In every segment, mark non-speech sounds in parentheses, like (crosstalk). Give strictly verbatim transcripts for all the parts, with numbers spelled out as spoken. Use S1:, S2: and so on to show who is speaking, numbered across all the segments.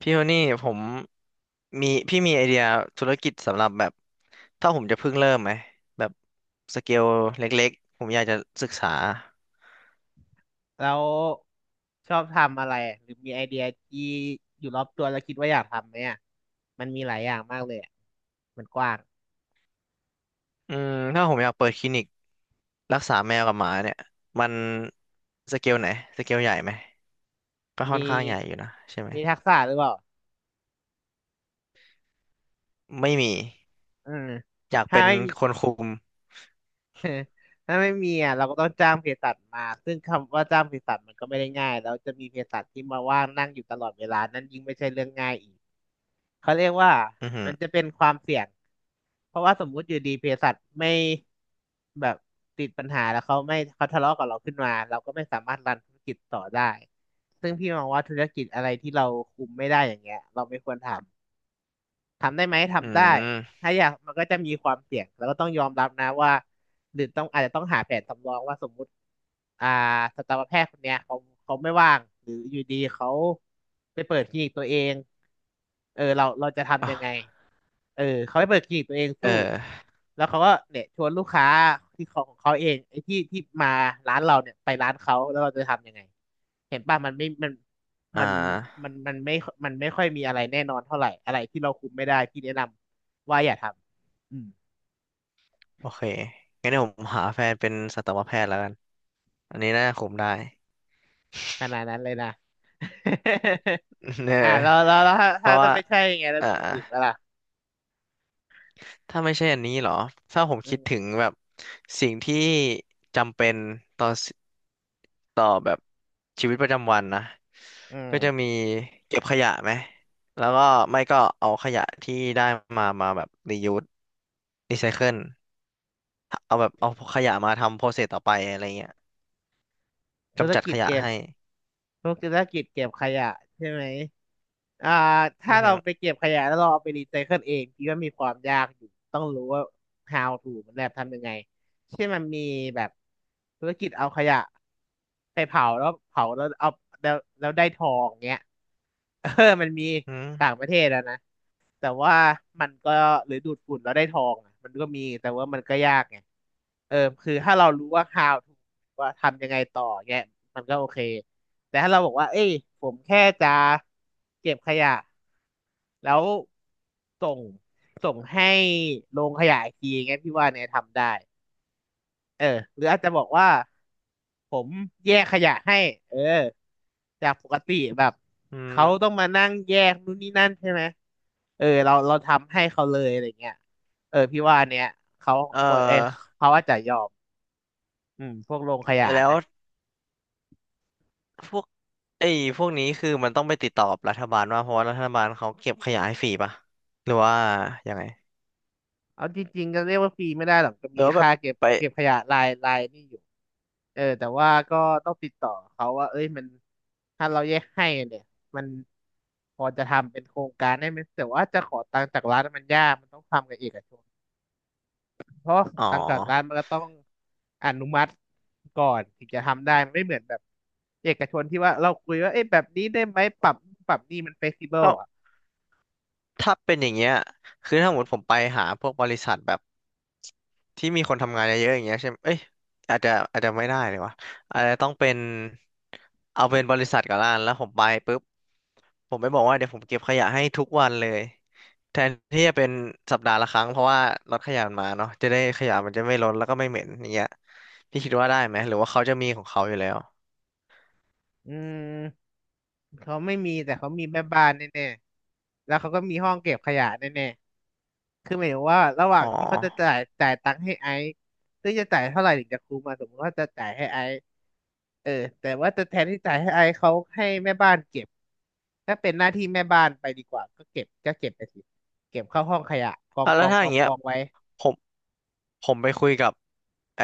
S1: พี่โทนี่ผมมีพี่มีไอเดียธุรกิจสำหรับแบบถ้าผมจะเพิ่งเริ่มไหมแบบสเกลเล็กๆผมอยากจะศึกษา
S2: แล้วชอบทำอะไรหรือมีไอเดียที่อยู่รอบตัวแล้วคิดว่าอยากทำไหมอ่ะมันมีหลายอย่างมากเลยอะมันกว้าง
S1: อืมถ้าผมอยากเปิดคลินิกรักษาแมวกับหมาเนี่ยมันสเกลไหนสเกลใหญ่ไหมก็ค่อ
S2: มี
S1: นข้างใหญ่อยู่นะใช่ไหม
S2: มีทักษะหรือเปล่า
S1: ไม่มี
S2: เออ
S1: อยาก
S2: ถ้า
S1: เป็น
S2: ไม่
S1: คนคุม
S2: (laughs) ถ้าไม่มีอ่ะเราก็ต้องจ้างเภสัชมา ซึ่งคำว่าจ้างเภสัชมันก็ไม่ได้ง่ายแล้วจะมีเภสัชที่มาว่างนั่งอยู่ตลอดเวลานั่นยิ่งไม่ใช่เรื่องง่ายอีก เขาเรียกว่า
S1: อือหือ
S2: มันจะเป็นความเสี่ยงเพราะว่าสมมุติอยู่ดีเภสัชไม่แบบติดปัญหาแล้วเขาไม่เขาทะเลาะกับเราขึ้นมาเราก็ไม่สามารถรันธุรกิจต่อได้ซึ่งพี่มองว่าธุรกิจอะไรที่เราคุมไม่ได้อย่างเงี้ยเราไม่ควรทำ ทำได้ไหม
S1: อื
S2: ทำได้
S1: ม
S2: ถ้าอยากมันก็จะมีความเสี่ยงแล้วก็ต้องยอมรับนะว่าหรือต้องอาจจะต้องหาแผนสำรองว่าสมมุติอ่าสัตวแพทย์คนเนี้ยเขาเขาไม่ว่างหรืออยู่ดีเขาไปเปิดคลินิกตัวเองเออเราเราจะทำยังไง
S1: อ่ะ
S2: เออเขาไปเปิดคลินิกตัวเอง
S1: เ
S2: สู้
S1: ออ
S2: แล้วเขาก็เนี่ยชวนลูกค้าที่ของของเขาเองไอ้ที่ที่มาร้านเราเนี่ยไปร้านเขาแล้วเราจะทำยังไงเห็นป่ะมันไม่มัน
S1: อ่
S2: มันมั
S1: า
S2: นมันไม่มันไม่ค่อยมีอะไรแน่นอนเท่าไหร่อะไรที่เราคุมไม่ได้พี่แนะนำว่าอย่าทำอืม
S1: โอเคงั้นเดี๋ยวผมหาแฟนเป็นสัตวแพทย์แล้วกันอันนี้น่าคุมได้
S2: ขนาดนั้นเลยนะ
S1: (laughs) เออ
S2: (laughs) อ่าแล้วแล้วแล้วถ้า
S1: เพ
S2: ถ้า
S1: ราะ
S2: จะ
S1: ว่า
S2: ไม่ใช่ไงแล้ว
S1: อ่า
S2: มีอื่นๆปะล่ะ
S1: ถ้าไม่ใช่อันนี้เหรอ ถ้าผม
S2: อื
S1: คิดถึง
S2: ม
S1: แบบสิ่งที่จำเป็นต่อสต่อแบบชีวิตประจำวันนะ
S2: อื
S1: ก็จะ
S2: ม
S1: มีเก็บขยะไหม แล้วก็ไม่ก็เอาขยะที่ได้มามาแบบรียูสรีไซเคิลเอาแบบเอาขยะมาทำโปรเซสต่อไปอะไรเงี้ย
S2: ธุร
S1: กำจัด
S2: กิ
S1: ข
S2: จ
S1: ยะ
S2: เกม
S1: ให้
S2: พวกธุรกิจเก็บขยะใช่ไหมอ่าถ้า
S1: อือ
S2: เรา
S1: ฮึ
S2: ไปเก็บขยะแล้วเราเอาไปรีไซเคิลเองพี่ว่ามีความยากอยู่ต้องรู้ว่า how to มันแบบทำยังไงเช่นมันมีแบบธุรกิจเอาขยะไปเผาแล้วเผาแล้วเอาแล้วแล้วได้ทองเงี้ย (laughs) เออมันมี
S1: อืม
S2: ต่างประเทศแล้วนะแต่ว่ามันก็หรือดูดฝุ่นแล้วได้ทองอะมันก็มีแต่ว่ามันก็ยากไงเออคือถ้าเรารู้ว่า how to ว่าทำยังไงต่อเงี้ยมันก็โอเค แต่ถ้าเราบอกว่า เอ้ยผมแค่จะเก็บขยะแล้วส่งส่งให้โรงขยะอีกทีอย่างเงี้ยพี่ว่าเนี่ยทำได้ เออ หรืออาจจะบอกว่าผมแยกขยะให้เออจากปกติแบบ
S1: อื
S2: เขาต้อ
S1: ม
S2: งมานั่งแยกนู่นนี่นั่นใช่ไหม เออเราเราทำให้เขาเลยอะไรเงี้ยเออพี่ว่าเนี่ยเขา
S1: เอ่อ
S2: เออเขาอาจจะยอมอืมพวกโรงขยะ
S1: แล้ว
S2: นะ
S1: พวก ไอ้พวกนี้คือมันต้องไปติดต่อกับรัฐบาลว่าเพราะว่ารัฐบาลเขาเก็บขยะให้ฟรีป่ะหรือว่ายังไง
S2: เอาจริงๆก็เรียกว่าฟรีไม่ได้หรอกก็
S1: หรื
S2: มี
S1: อว่าแบ
S2: ค่า
S1: บ
S2: เก็บ
S1: ไป
S2: เก็บขยะรายรายนี่อยู่เออแต่ว่าก็ต้องติดต่อเขาว่าเอ้ยมันถ้าเราแยกให้เนี่ยมันพอจะทำเป็นโครงการได้ไหมแต่ว่าจะขอตังค์จากรัฐมันยากมันต้องทำกับเอกชนเพราะ
S1: อ๋อ
S2: ตังค์จากรัฐมันก็ต้องอนุมัติก่อนถึงจะทำได้มันไม่เหมือนแบบเอกชนที่ว่าเราคุยว่าเอ้ยแบบนี้ได้ไหมปรับปรับนี่มันเฟกซิเบิล
S1: เอ้า
S2: อ่ะ
S1: ถ้าเป็นอย่างเงี้ยคือถ้าสมมติผมไปหาพวกบริษัทแบบ ที่มีคนทำงานเยอะๆอย่างเงี้ยใช่ไหมเอ้ยอาจจะอาจจะไม่ได้เลยวะอาจจะต้องเป็นเอาเป็นบริษัทก่อนละกันแล้วผมไปปุ๊บผมไปบอกว่าเดี๋ยวผมเก็บขยะให้ทุกวันเลยแทนที่จะเป็นสัปดาห์ละครั้งเพราะว่ารถขยะมันมาเนาะจะได้ขยะมันจะไม่ล้นแล้วก็ไม่เหม็นอย่างเงี้ยพี่คิดว่าได้ไหมหรือว่าเขาจะมีของเขาอยู่แล้ว
S2: อืมเขาไม่มีแต่เขามีแม่บ้านแน่ๆแล้วเขาก็มีห้องเก็บขยะแน่ๆคือหมายถึงว่าระหว่า
S1: อ๋
S2: งที่เขาจะ
S1: อ
S2: จ่ายจ่ายตังค์ให้ไอซ์ซึ่งจะจ่ายเท่าไหร่ถึงจะคุ้มมาสมมติว่าจะจ่ายให้ไอซ์เออแต่ว่าจะแทนที่จ่ายให้ไอซ์เขาให้แม่บ้านเก็บถ้าเป็นหน้าที่แม่บ้านไปดีกว่าก็เก็บก็เก็บไปสิเก็บเข้าห้องขยะกอง
S1: อ่ะ
S2: ก
S1: แล้ว
S2: อง
S1: ถ้า
S2: ก
S1: อ
S2: อ
S1: ย่าง
S2: ง
S1: เงี้
S2: ก
S1: ย
S2: องไว้
S1: ผม ผมไปคุยกับไอ้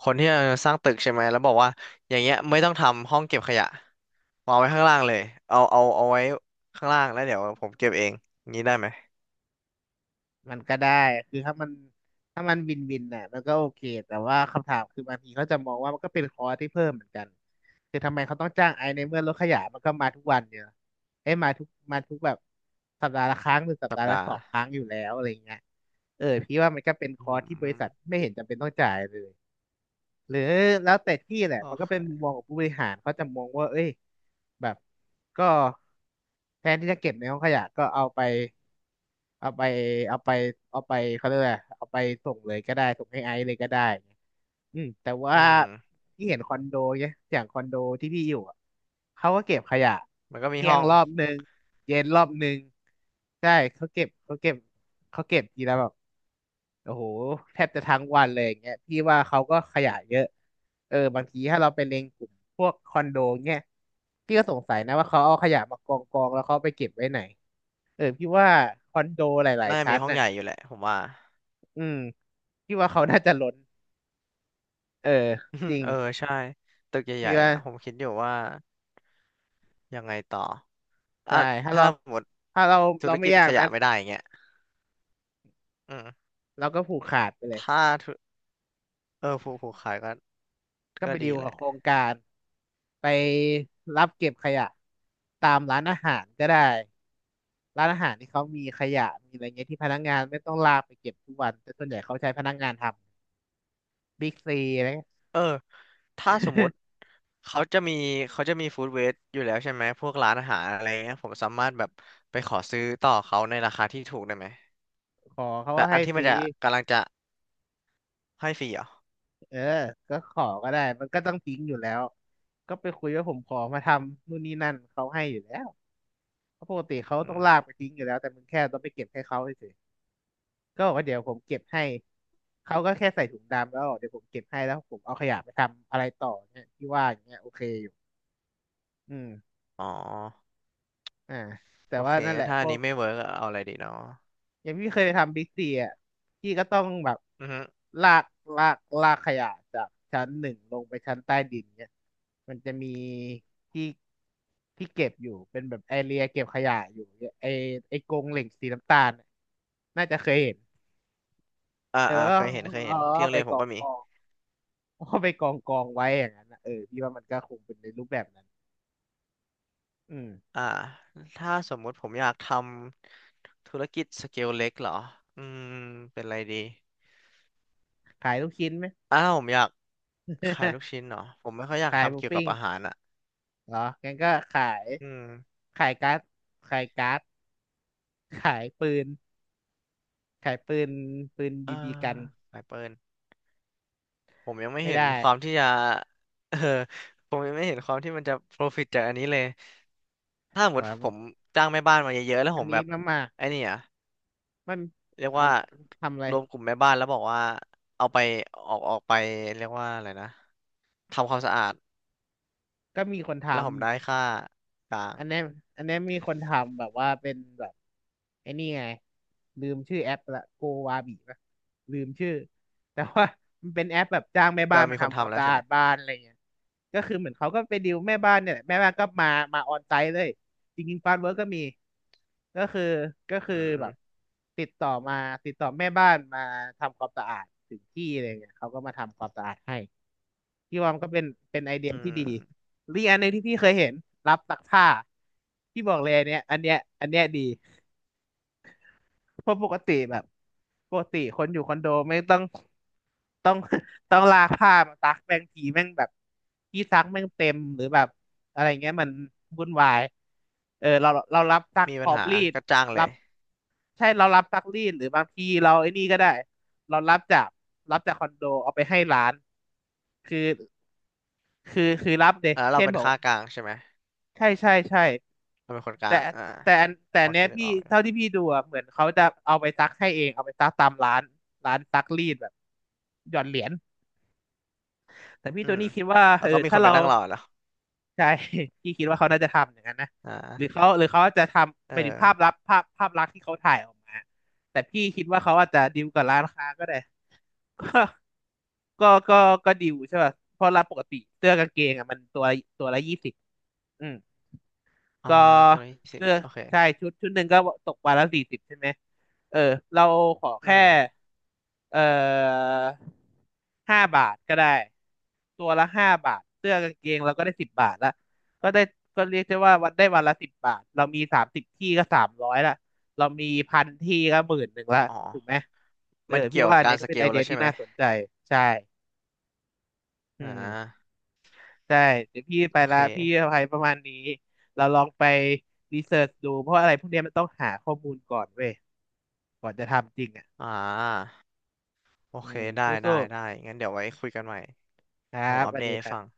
S1: คนที่จะสร้างตึกใช่ไหม แล้วบอกว่าอย่างเงี้ยไม่ต้องทำห้องเก็บขยะวางไว้ข้างล่างเลยเอาเอาเอาไว้ข้างล่างแล้วเดี๋ยวผมเก็บเองงี้ได้ไหม
S2: มันก็ได้คือถ้ามันถ้ามันวินวินน่ะมันก็โอเคแต่ว่าคำถามคือบางทีเขาจะมองว่ามันก็เป็นคอร์สที่เพิ่มเหมือนกันคือทำไมเขาต้องจ้างไอซ์ในเมื่อรถขยะมันก็มาทุกวันเนี่ยเอ้ยมาทุกมาทุกแบบสัปดาห์ละครั้งหรือสัป
S1: สัป
S2: ดาห์ละ
S1: ดา
S2: ส
S1: ห์
S2: องครั้งอยู่แล้วอะไรเงี้ยเออพี่ว่ามันก็เป็นค
S1: อื
S2: อร์สที่บริษัท
S1: ม
S2: ไม่เห็นจำเป็นต้องจ่ายเลยหรือแล้วแต่ที่แหละ
S1: โอ
S2: มันก็เป็นมุม
S1: เค
S2: มองของผู้บริหารเขาจะมองว่าเอ้ยแบบก็แทนที่จะเก็บในห้องขยะก็เอาไป เอาไปเอาไปเอาไปเขาเรียกอะไรเอาไปส่งเลยก็ได้ส่งให้ไอซ์เลยก็ได้เงี้ยอืมแต่ว่า
S1: อืม
S2: ที่เห็นคอนโดเนี่ยอย่างคอนโดที่พี่อยู่อะเขาก็เก็บขยะ
S1: มันก็มี
S2: เที่ย
S1: ห้
S2: ง
S1: อง
S2: รอบหนึ่งเย็นรอบหนึ่งใช่เขาเก็บเขาเก็บเขาเก็บทีละแบบ โอ้โหแทบจะทั้งวันเลยอย่างเงี้ยพี่ว่าเขาก็ขยะเยอะเออบางทีถ้าเราไปเล็งกลุ่มพวกคอนโดเงี้ยพี่ก็สงสัยนะว่าเขาเอาขยะมากองกองแล้วเขาไปเก็บไว้ไหนเออพี่ว่าคอนโดหลาย
S1: น่า
S2: ๆ
S1: จะ
S2: ชั้
S1: มี
S2: น
S1: ห้อง
S2: น่ะ
S1: ใหญ่อยู่แหละผมว่า
S2: อืมพี่ว่าเขาน่าจะล้นเออจริ
S1: (laughs)
S2: ง
S1: เออใช่ตึกให
S2: พี่
S1: ญ่ๆ
S2: ว่า
S1: อ่ะผมคิดอยู่ว่ายังไงต่ออ่ะ
S2: ใช่ถ้า
S1: ถ้า
S2: เรา
S1: หมด
S2: ถ้าเรา
S1: ธุ
S2: เรา
S1: ร
S2: ไม่
S1: กิจ
S2: อยาก
S1: ขยะ
S2: นะ
S1: ไม่ได้อย่างเงี้ยอืม
S2: เราก็ผูกขาดไปเลย
S1: ถ้าธุเออผูกผูกขายก็
S2: ก็
S1: ก็
S2: ไป
S1: ดี
S2: ดีล
S1: แห
S2: กับ
S1: ละ
S2: โครงการไปรับเก็บขยะตามร้านอาหารก็ได้ร้านอาหารที่เขามีขยะมีอะไรเงี้ยที่พนักงานไม่ต้องลากไปเก็บทุกวันแต่ส่วนใหญ่เขาใช้พนักงานทำบิ๊กซีอะไรเงี้ย
S1: เออ ถ้าสมมุติเขาจะมีเขาจะมีฟู้ดเวสอยู่แล้วใช่ไหมพวกร้านอาหารอะไรเงี้ยผมสามารถแบบไปขอซื้อต่อเขาในราคาที่ถูกได้ไหม
S2: (laughs) ขอเขา
S1: แต่
S2: ก็
S1: อั
S2: ให้
S1: นที่
S2: ฟ
S1: มัน
S2: รี
S1: จะกำลังจะให้ฟรีเหรอ
S2: เออก็ขอก็ได้มันก็ต้องทิ้งอยู่แล้วก็ไปคุยว่าผมขอมาทำนู่นนี่นั่นเขาให้อยู่แล้วเพราะปกติเขา
S1: อื
S2: ต้อง
S1: ม
S2: ลากไปทิ้งอยู่แล้วแต่มึงแค่ต้องไปเก็บให้เขาเฉย ก็บอกว่าเดี๋ยวผมเก็บให้ เขาก็แค่ใส่ถุงดำแล้วบอกเดี๋ยวผมเก็บให้แล้วผมเอาขยะไปทำอะไรต่อเนี่ยที่ว่าอย่างเงี้ยโอเคอยู่อืม
S1: อ๋อ
S2: อ่าแต่
S1: โอ
S2: ว่า
S1: เค
S2: นั่นแห
S1: งั้
S2: ละ
S1: นถ้า
S2: พ
S1: อัน
S2: วก
S1: นี้ไม่เวิร์กเอาอะไรดีเนาะ
S2: อย่างพี่เคยไปทำบิ๊กซีอ่ะพี่ก็ต้องแบบ
S1: อือฮึ
S2: ลากลากลากขยะจากชั้นหนึ่งลงไปชั้นใต้ดินเนี่ยมันจะมีที่ที่เก็บอยู่เป็นแบบไอเรียเก็บขยะอยู่เนี่ยไอไอกรงเหล็กสีน้ำตาลน่ะน่าจะเคยเห็น
S1: อ่า
S2: เออ
S1: อ่า
S2: แล้ว
S1: เค
S2: ก็
S1: ยเห็นเคยเห็นที่
S2: เอา
S1: โรง
S2: ไป
S1: เรียน
S2: ก
S1: ผม
S2: อ
S1: ก็
S2: ง
S1: มี
S2: กอง เอาไปกองกองไว้อย่างนั้นนะเออพี่ว่ามันก็คงเป็นในรูปแบบนั้นอืม
S1: อ่าถ้าสมมุติผมอยากทำธุรกิจสเกลเล็กเหรออืมเป็นอะไรดี
S2: ขายลูกชิ้นไหม
S1: อ้าวผมอยากขาย
S2: (laughs)
S1: ลูกชิ้นเหรอผมไม่ค่อยอยาก
S2: ขายห
S1: ทำ
S2: มู
S1: เกี่ยวกั
S2: ปิ้
S1: บ
S2: ง
S1: อาหารอ่ะ
S2: เหรองั้นก็ขาย
S1: อืม
S2: ขายการ์ดขายการ์ดขายปืนขายปืนปืน
S1: เอ่อ
S2: บีบีกัน
S1: สายเปิลผมยังไม่
S2: ไม่
S1: เห็น
S2: ได้
S1: ความที่จะ (laughs) เออผมยังไม่เห็นความที่มันจะ profit จากอันนี้เลยถ้าสม
S2: เห
S1: ม
S2: ร
S1: ติผม
S2: อ
S1: จ้างแม่บ้านมาเยอะๆแล้ว
S2: วั
S1: ผ
S2: น
S1: มแบ
S2: นี้
S1: บ
S2: น้ำมา
S1: ไอ้นี่อะ
S2: มัน
S1: เรียก
S2: เอา
S1: ว่า
S2: ทำอะไร
S1: รวมกลุ่มแม่บ้านแล้วบอกว่าเอาไปออกออกไปเรียกว่าอะไรนะทำความสะอาด
S2: ก็มีคนท
S1: แล้วผมได้ค่ากลาง
S2: อันเนี้ยอันเนี้ยมีคนทำแบบว่าเป็นแบบไอ้นี่ไงลืมชื่อแอปละโกวาบีปะลืมชื่อแต่ว่ามันเป็นแอปแบบจ้างแม่
S1: แต่
S2: บ้าน
S1: มัน
S2: มา
S1: มีคน
S2: ทำควา
S1: ทำ
S2: ม
S1: แล้ว
S2: สะ
S1: ใช่
S2: อา
S1: ไหม
S2: ดบ้านอะไรเงี้ยก็คือเหมือนเขาก็ไปดิวแม่บ้านเนี่ยแหละแม่บ้านก็มามาออนไซต์เลยจริงๆฟาร์มเวิร์กก็มีก็คือก็คื
S1: อื
S2: อแบ
S1: ม
S2: บติดต่อมาติดต่อแม่บ้านมาทำความสะอาดถึงที่อะไรเงี้ยเขาก็มาทำความสะอาดให้ พี่ว่ามันก็เป็นเป็นไอเดีย
S1: อื
S2: ที่ดี
S1: ม
S2: หรืออกอันหนึงที่พี่เคยเห็นรับซักผ้าพี่บอกเลยอันเนี้ยอันเนี้ยอันเนี้ยดีเพราะปกติแบบปกติคนอยู่คอนโดไม่ต้องต้อง (laughs) ต้องลากผ้ามาซักแม่งทีแม่งแบบที่ซักแม่งเต็มหรือแบบอะไรเงี้ยมันวุ่นวายเออเราเรารับซัก
S1: มี
S2: พ
S1: ปั
S2: ร้
S1: ญ
S2: อม
S1: หา
S2: รีด
S1: ก็จ้างเล
S2: รั
S1: ย
S2: บใช่เรารับซักรีดหรือบางทีเราไอ้นี่ก็ได้เรารับจากรับจากคอนโดเอาไปให้ร้านคือ คือคือรับเดย
S1: อ่ะแล้วเรา
S2: เช่น
S1: เป็น
S2: บอก
S1: ค่ากลางใช่ไหม
S2: ใช่ใช่ใช่
S1: เราเป็นคนกลา
S2: แต่
S1: งอ่า
S2: แต่อันแต่
S1: พ
S2: อั
S1: อ
S2: นเนี้
S1: คิ
S2: ย
S1: ดนึก
S2: พี่
S1: ออกอยู่
S2: เท่าที่พี่ดูอะเหมือนเขาจะเอาไปซักให้เองเอาไปซักตามร้านร้านซักรีดแบบหย่อนเหรียญแต่พี่
S1: อื
S2: ตัว
S1: ม
S2: นี้คิดว่า
S1: แล้
S2: เอ
S1: ว
S2: อ
S1: ก็มีค
S2: ถ้า
S1: นไป
S2: เรา
S1: นั่งรอเล้ว
S2: ใช่ (laughs) พี่คิดว่าเขาน่าจะทำอย่างนั้นนะ
S1: อ่
S2: หรือ
S1: า
S2: เขาหรือเขาจะทำ
S1: เอ
S2: ห
S1: อ
S2: มายถึงภาพลับภาพภาพลักษณ์ที่เขาถ่ายออกมาแต่พี่คิดว่าเขาอาจจะดีลกับร้านค้าก็ได้ (laughs) ก็ก็ก็ก็ดีลใช่ป่ะเพราะร้านปกติเสื้อกางเกงอ่ะมันตัวตัวละยี่สิบอืม
S1: อ่า
S2: ก็
S1: ตัวนี้สิบ
S2: เลือก
S1: โอเค
S2: ใช่ชุดชุดหนึ่งก็ตกวันละสี่สิบใช่ไหมเออเราขอ
S1: อื
S2: แค่
S1: ม
S2: เอ่อห้าบาทก็ได้ตัวละห้าบาทเสื้อกางเกงเราก็ได้สิบบาทละก็ได้ก็เรียกได้ว่าวันได้วันละสิบบาทเรามีสามสิบที่ก็สามร้อยละเรามีพันที่ก็หมื่นหนึ่งละ
S1: อ๋อ
S2: ถูกไหมเออ
S1: มัน
S2: พี่
S1: เกี่ยว
S2: ว่า
S1: กับ
S2: อัน
S1: กา
S2: นี้
S1: ร
S2: ก็
S1: ส
S2: เป็
S1: เก
S2: นไอ
S1: ล
S2: เดี
S1: แล้
S2: ย
S1: วใช่
S2: ที่
S1: ไหม
S2: น่าสนใจใช่อื
S1: อ่
S2: ม
S1: า
S2: ใช่เดี๋ยวพี่ไป
S1: โอเค
S2: ละพี่อภัยประมาณนี้เราลองไปรีเสิร์ชดูเพราะอะไรพวกเนี้ยมันต้องหาข้อมูลก่อนเว้ยก่อนจะทำจริงอ่ะ
S1: อ่า โอ
S2: อื
S1: เค
S2: ม
S1: ได้ ได้
S2: สู้
S1: ได้ งั้นเดี๋ยวไว้คุยกันใหม่
S2: ๆครั
S1: เดี๋ยวผ
S2: บ
S1: ม
S2: ส
S1: อัป
S2: วั
S1: เด
S2: สดี
S1: ตให้
S2: ครั
S1: ฟัง
S2: บ